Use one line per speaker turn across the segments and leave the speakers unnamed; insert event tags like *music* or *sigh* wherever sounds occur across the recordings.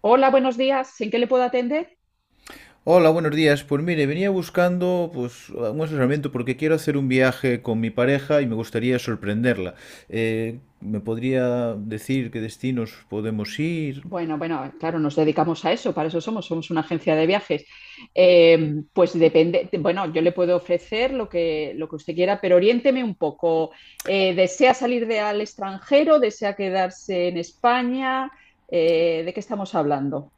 Hola, buenos días. ¿En qué le puedo atender?
Hola, buenos días. Pues mire, venía buscando pues un asesoramiento porque quiero hacer un viaje con mi pareja y me gustaría sorprenderla. ¿Me podría decir qué destinos podemos ir?
Bueno, bueno, claro, nos dedicamos a eso, para eso somos una agencia de viajes. Pues depende, bueno, yo le puedo ofrecer lo que usted quiera, pero oriénteme un poco. ¿Desea salir al extranjero? ¿Desea quedarse en España? ¿De qué estamos hablando?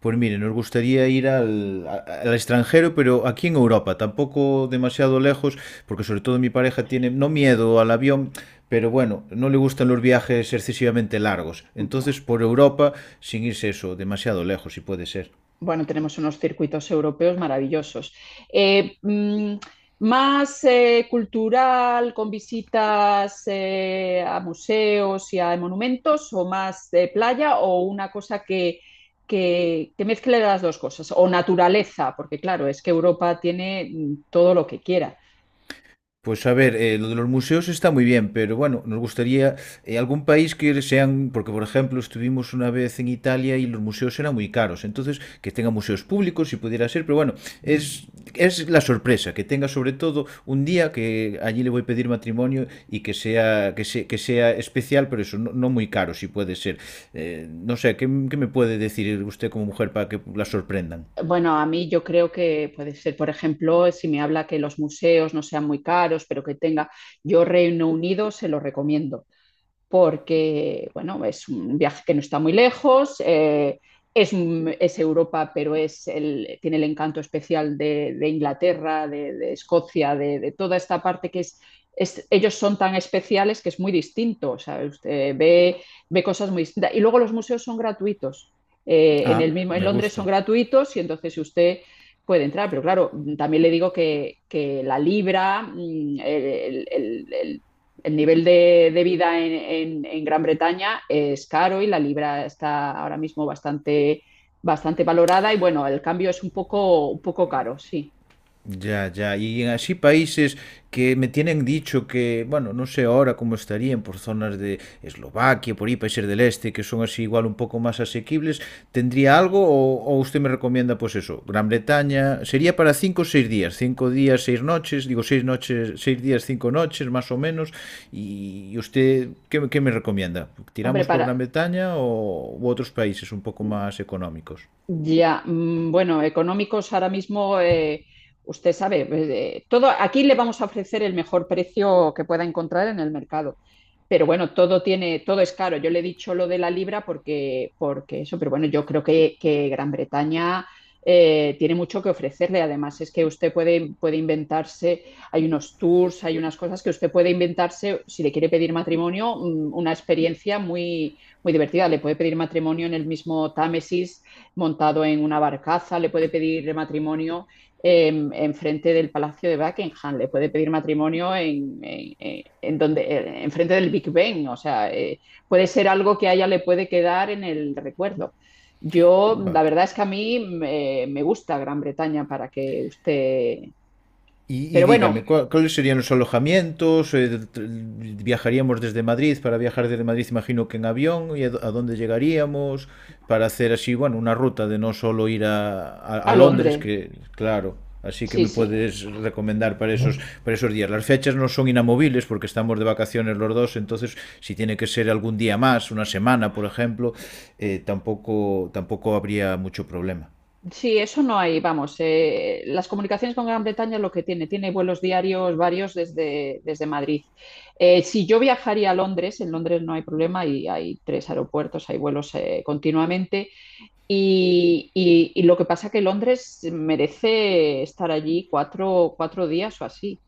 Pues mire, nos gustaría ir al extranjero, pero aquí en Europa, tampoco demasiado lejos, porque sobre todo mi pareja tiene no miedo al avión, pero bueno, no le gustan los viajes excesivamente largos. Entonces, por Europa, sin irse eso, demasiado lejos, si puede ser.
Bueno, tenemos unos circuitos europeos maravillosos. Eh, mm, Más cultural, con visitas a museos y a monumentos, o más de playa, o una cosa que mezcle las dos cosas, o naturaleza, porque claro, es que Europa tiene todo lo que quiera.
Pues a ver, lo de los museos está muy bien, pero bueno, nos gustaría algún país que sean, porque por ejemplo estuvimos una vez en Italia y los museos eran muy caros, entonces que tenga museos públicos si pudiera ser, pero bueno, es, es la sorpresa, que tenga sobre todo un día que allí le voy a pedir matrimonio y que sea, que sea especial, pero eso, no, no muy caro si puede ser. No sé, ¿qué me puede decir usted como mujer para que la sorprendan?
Bueno, a mí yo creo que puede ser, por ejemplo, si me habla que los museos no sean muy caros, yo Reino Unido se lo recomiendo porque, bueno, es un viaje que no está muy lejos, es Europa, pero tiene el encanto especial de Inglaterra, de Escocia, de toda esta parte que es, ellos son tan especiales que es muy distinto, o sea, usted ve cosas muy distintas. Y luego los museos son gratuitos, el
Ah,
mismo, en
me
Londres son
gusta.
gratuitos y entonces usted puede entrar, pero claro, también le digo que la libra, el nivel de vida en Gran Bretaña es caro y la libra está ahora mismo bastante valorada y bueno, el cambio es un poco caro, sí.
Ya, ya. Y en así países que me tienen dicho que, bueno, no sé ahora cómo estarían por zonas de Eslovaquia, por ahí, países del este, que son así igual un poco más asequibles, ¿tendría algo o usted me recomienda pues eso? Gran Bretaña, sería para cinco o seis días, cinco días, seis noches, digo seis noches, seis días, cinco noches más o menos, y, usted, ¿qué me recomienda?
Hombre,
¿Tiramos por Gran Bretaña o u otros países un poco más económicos?
ya, bueno, económicos ahora mismo, usted sabe, aquí le vamos a ofrecer el mejor precio que pueda encontrar en el mercado. Pero bueno, todo tiene, todo es caro. Yo le he dicho lo de la libra porque eso, pero bueno, yo creo que Gran Bretaña tiene mucho que ofrecerle. Además, es que usted puede, inventarse, hay unos tours, hay unas cosas que usted puede inventarse, si le quiere pedir matrimonio, una experiencia muy, muy divertida. Le puede pedir matrimonio en el mismo Támesis montado en una barcaza, le puede pedir matrimonio en frente del Palacio de Buckingham, le puede pedir matrimonio en frente del Big Ben, o sea, puede ser algo que a ella le puede quedar en el recuerdo. Yo, la
Va-
verdad es que a mí me gusta Gran Bretaña para que usted.
Y, y
Pero bueno,
dígame, ¿cuáles serían los alojamientos? ¿Viajaríamos desde Madrid? Para viajar desde Madrid, imagino que en avión. ¿Y a dónde llegaríamos? Para hacer así, bueno, una ruta de no solo ir a
a
Londres,
Londres,
que claro, así que
sí,
me
sí.
puedes recomendar para esos días. Las fechas no son inamovibles porque estamos de vacaciones los dos, entonces si tiene que ser algún día más, una semana, por ejemplo, tampoco, tampoco habría mucho problema.
Sí, eso no hay, vamos, las comunicaciones con Gran Bretaña es lo que tiene, tiene vuelos diarios varios desde Madrid. Si yo viajaría a Londres, en Londres no hay problema y hay tres aeropuertos, hay vuelos continuamente y lo que pasa que Londres merece estar allí cuatro días o así.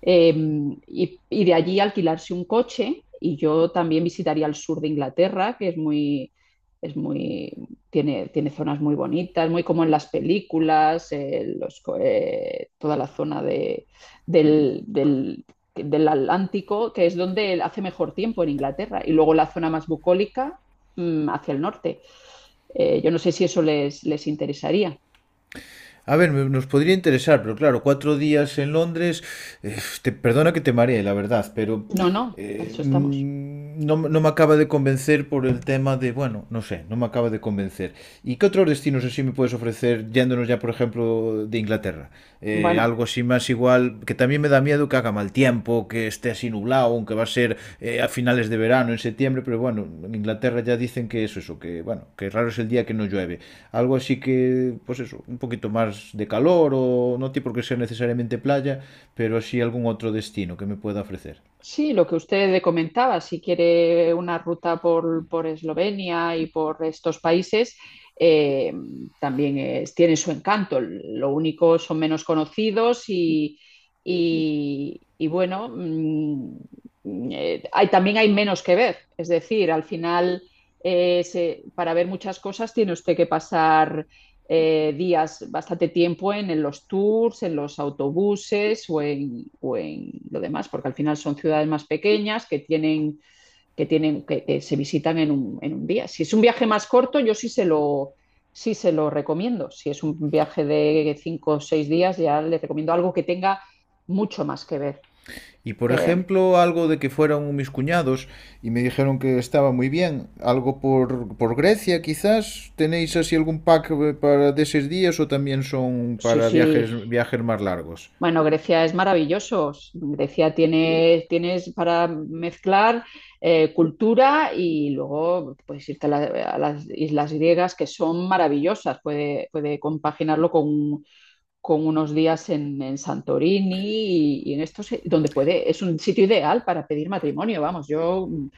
Eh, y de allí alquilarse un coche y yo también visitaría el sur de Inglaterra, que es muy, tiene zonas muy bonitas, muy como en las películas, toda la zona del, del- del Atlántico, que es donde hace mejor tiempo en Inglaterra, y luego la zona más bucólica, hacia el norte. Yo no sé si eso les interesaría.
A ver, nos podría interesar, pero claro, cuatro días en Londres, te, perdona que te maree, la verdad, pero
No, no, para eso estamos.
no, no me acaba de convencer por el tema de, bueno, no sé, no me acaba de convencer. ¿Y qué otros destinos así me puedes ofrecer yéndonos ya, por ejemplo, de Inglaterra?
Bueno,
Algo así más igual igual, que también me da miedo que haga mal tiempo, que esté así nublado, aunque va a ser a finales de verano, en septiembre, pero bueno, en Inglaterra ya dicen que es eso, que bueno, que raro es el día que no llueve. Algo así que, pues eso, un poquito más de calor o no tiene por qué ser necesariamente playa, pero sí algún otro destino que me pueda ofrecer.
sí, lo que usted comentaba, si quiere una ruta por, Eslovenia y por estos países, eh, tiene su encanto. Lo único son menos conocidos y bueno, también hay menos que ver. Es decir, al final, para ver muchas cosas tiene usted que pasar días, bastante tiempo en los tours, en los autobuses o en lo demás, porque al final son ciudades más pequeñas que tienen que se visitan en un día. Si es un viaje más corto, yo sí se lo recomiendo. Si es un viaje de 5 o 6 días, ya les recomiendo algo que tenga mucho más que ver.
Y por
Eh,
ejemplo, algo de que fueron mis cuñados y me dijeron que estaba muy bien. Algo por Grecia, quizás. ¿Tenéis así algún pack para de esos días o también son
sí,
para
sí,
viajes, viajes más largos?
bueno, Grecia es maravilloso. Grecia tienes para mezclar cultura y luego puedes irte a las islas griegas que son maravillosas. Puede compaginarlo con unos días en Santorini y en estos, donde es un sitio ideal para pedir matrimonio. Vamos, yo mm,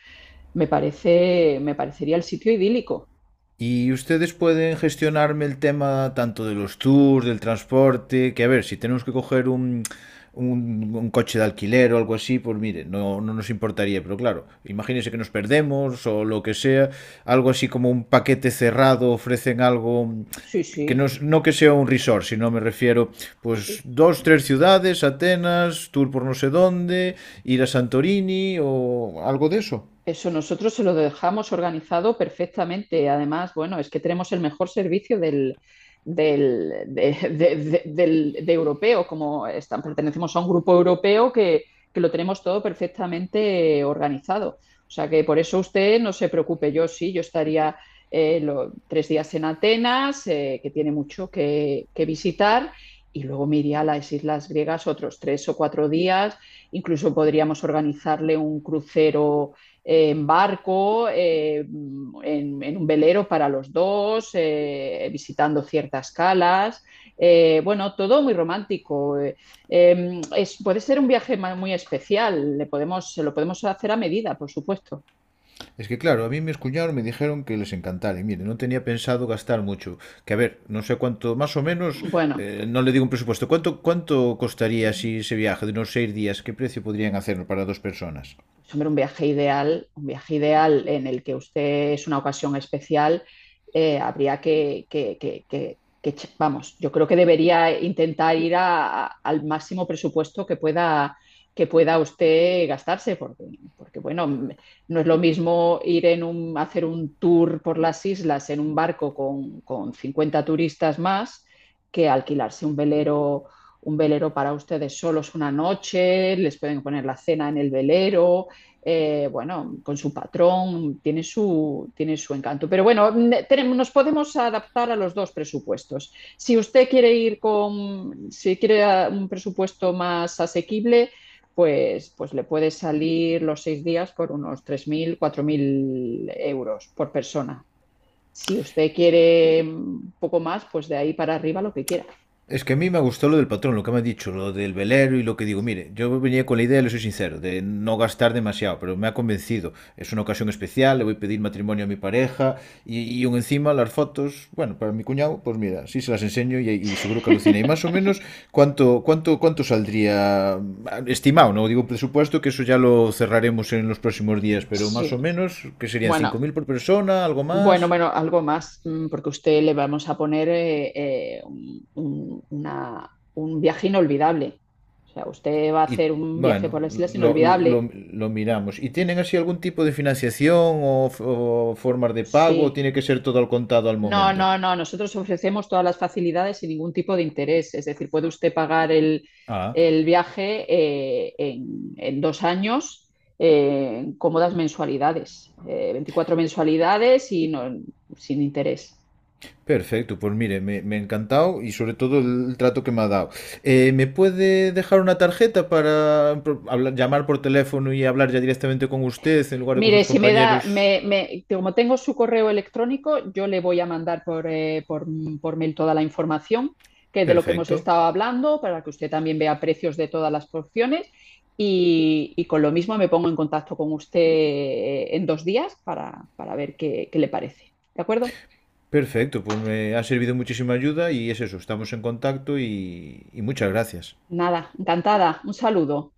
me parece, me parecería el sitio idílico.
Y ustedes pueden gestionarme el tema tanto de los tours, del transporte, que a ver, si tenemos que coger un coche de alquiler o algo así, pues mire, no, no nos importaría, pero claro, imagínense que nos perdemos o lo que sea, algo así como un paquete cerrado, ofrecen algo
Sí,
que no,
sí,
no que sea un resort, sino me refiero, pues
sí.
dos, tres ciudades, Atenas, tour por no sé dónde, ir a Santorini o algo de eso.
Eso nosotros se lo dejamos organizado perfectamente. Además, bueno, es que tenemos el mejor servicio del, del- de- del- de europeo, como están, pertenecemos a un grupo europeo que lo tenemos todo perfectamente organizado. O sea que por eso usted no se preocupe, yo estaría 3 días en Atenas, que tiene mucho que visitar, y luego me iría a las islas griegas otros 3 o 4 días. Incluso podríamos organizarle un crucero en barco, en un velero para los dos, visitando ciertas calas. Bueno, todo muy romántico. Puede ser un viaje muy especial, lo podemos hacer a medida, por supuesto.
Es que claro, a mí mis cuñados me dijeron que les encantara. Y mire, no tenía pensado gastar mucho. Que a ver, no sé cuánto, más o menos,
Bueno,
no le digo un presupuesto. ¿Cuánto, cuánto costaría si ese viaje de unos seis días? ¿Qué precio podrían hacerlo para dos personas?
pues hombre, un viaje ideal en el que usted es una ocasión especial, habría vamos, yo creo que debería intentar al máximo presupuesto que pueda usted gastarse, porque bueno, no es lo mismo hacer un tour por las islas en un barco con 50 turistas más que alquilarse un velero para ustedes solos una noche, les pueden poner la cena en el velero, bueno, con su patrón, tiene su encanto. Pero bueno, nos podemos adaptar a los dos presupuestos. Si usted quiere ir con, Si quiere un presupuesto más asequible, pues le puede salir los 6 días por unos 3.000 4.000 euros por persona. Si usted quiere un poco más, pues de ahí para arriba lo que quiera.
Es que a mí me gustó lo del patrón, lo que me ha dicho, lo del velero y lo que digo. Mire, yo venía con la idea, le soy sincero, de no gastar demasiado, pero me ha convencido. Es una ocasión especial, le voy a pedir matrimonio a mi pareja y aún encima las fotos, bueno, para mi cuñado, pues mira, sí se las enseño y seguro que alucina. Y más o menos,
*laughs*
¿cuánto saldría estimado? No digo presupuesto, que eso ya lo cerraremos en los próximos días, pero más
Sí.
o menos, ¿qué serían
Bueno,
5.000 por persona, algo
Bueno,
más.
bueno, algo más, porque a usted le vamos a poner un viaje inolvidable. O sea, usted va a
Y
hacer un viaje
bueno,
por las islas inolvidable.
lo miramos. ¿Y tienen así algún tipo de financiación o, o formas de pago? ¿O
Sí.
tiene que ser todo al contado al
No,
momento?
no, no. Nosotros ofrecemos todas las facilidades sin ningún tipo de interés. Es decir, puede usted pagar el,
Ah,
el viaje en 2 años en cómodas mensualidades, 24 mensualidades y no, sin interés.
perfecto. Pues mire, me ha encantado y sobre todo el trato que me ha dado. ¿Me puede dejar una tarjeta para llamar por teléfono y hablar ya directamente con usted en lugar de con
Mire,
sus
si me da,
compañeros?
me- como tengo su correo electrónico, yo le voy a mandar por mail toda la información que de lo que hemos
Perfecto.
estado hablando para que usted también vea precios de todas las porciones y con lo mismo me pongo en contacto con usted en 2 días para ver qué le parece. ¿De acuerdo?
Perfecto, pues me ha servido muchísima ayuda y es eso, estamos en contacto y muchas gracias.
Nada, encantada. Un saludo.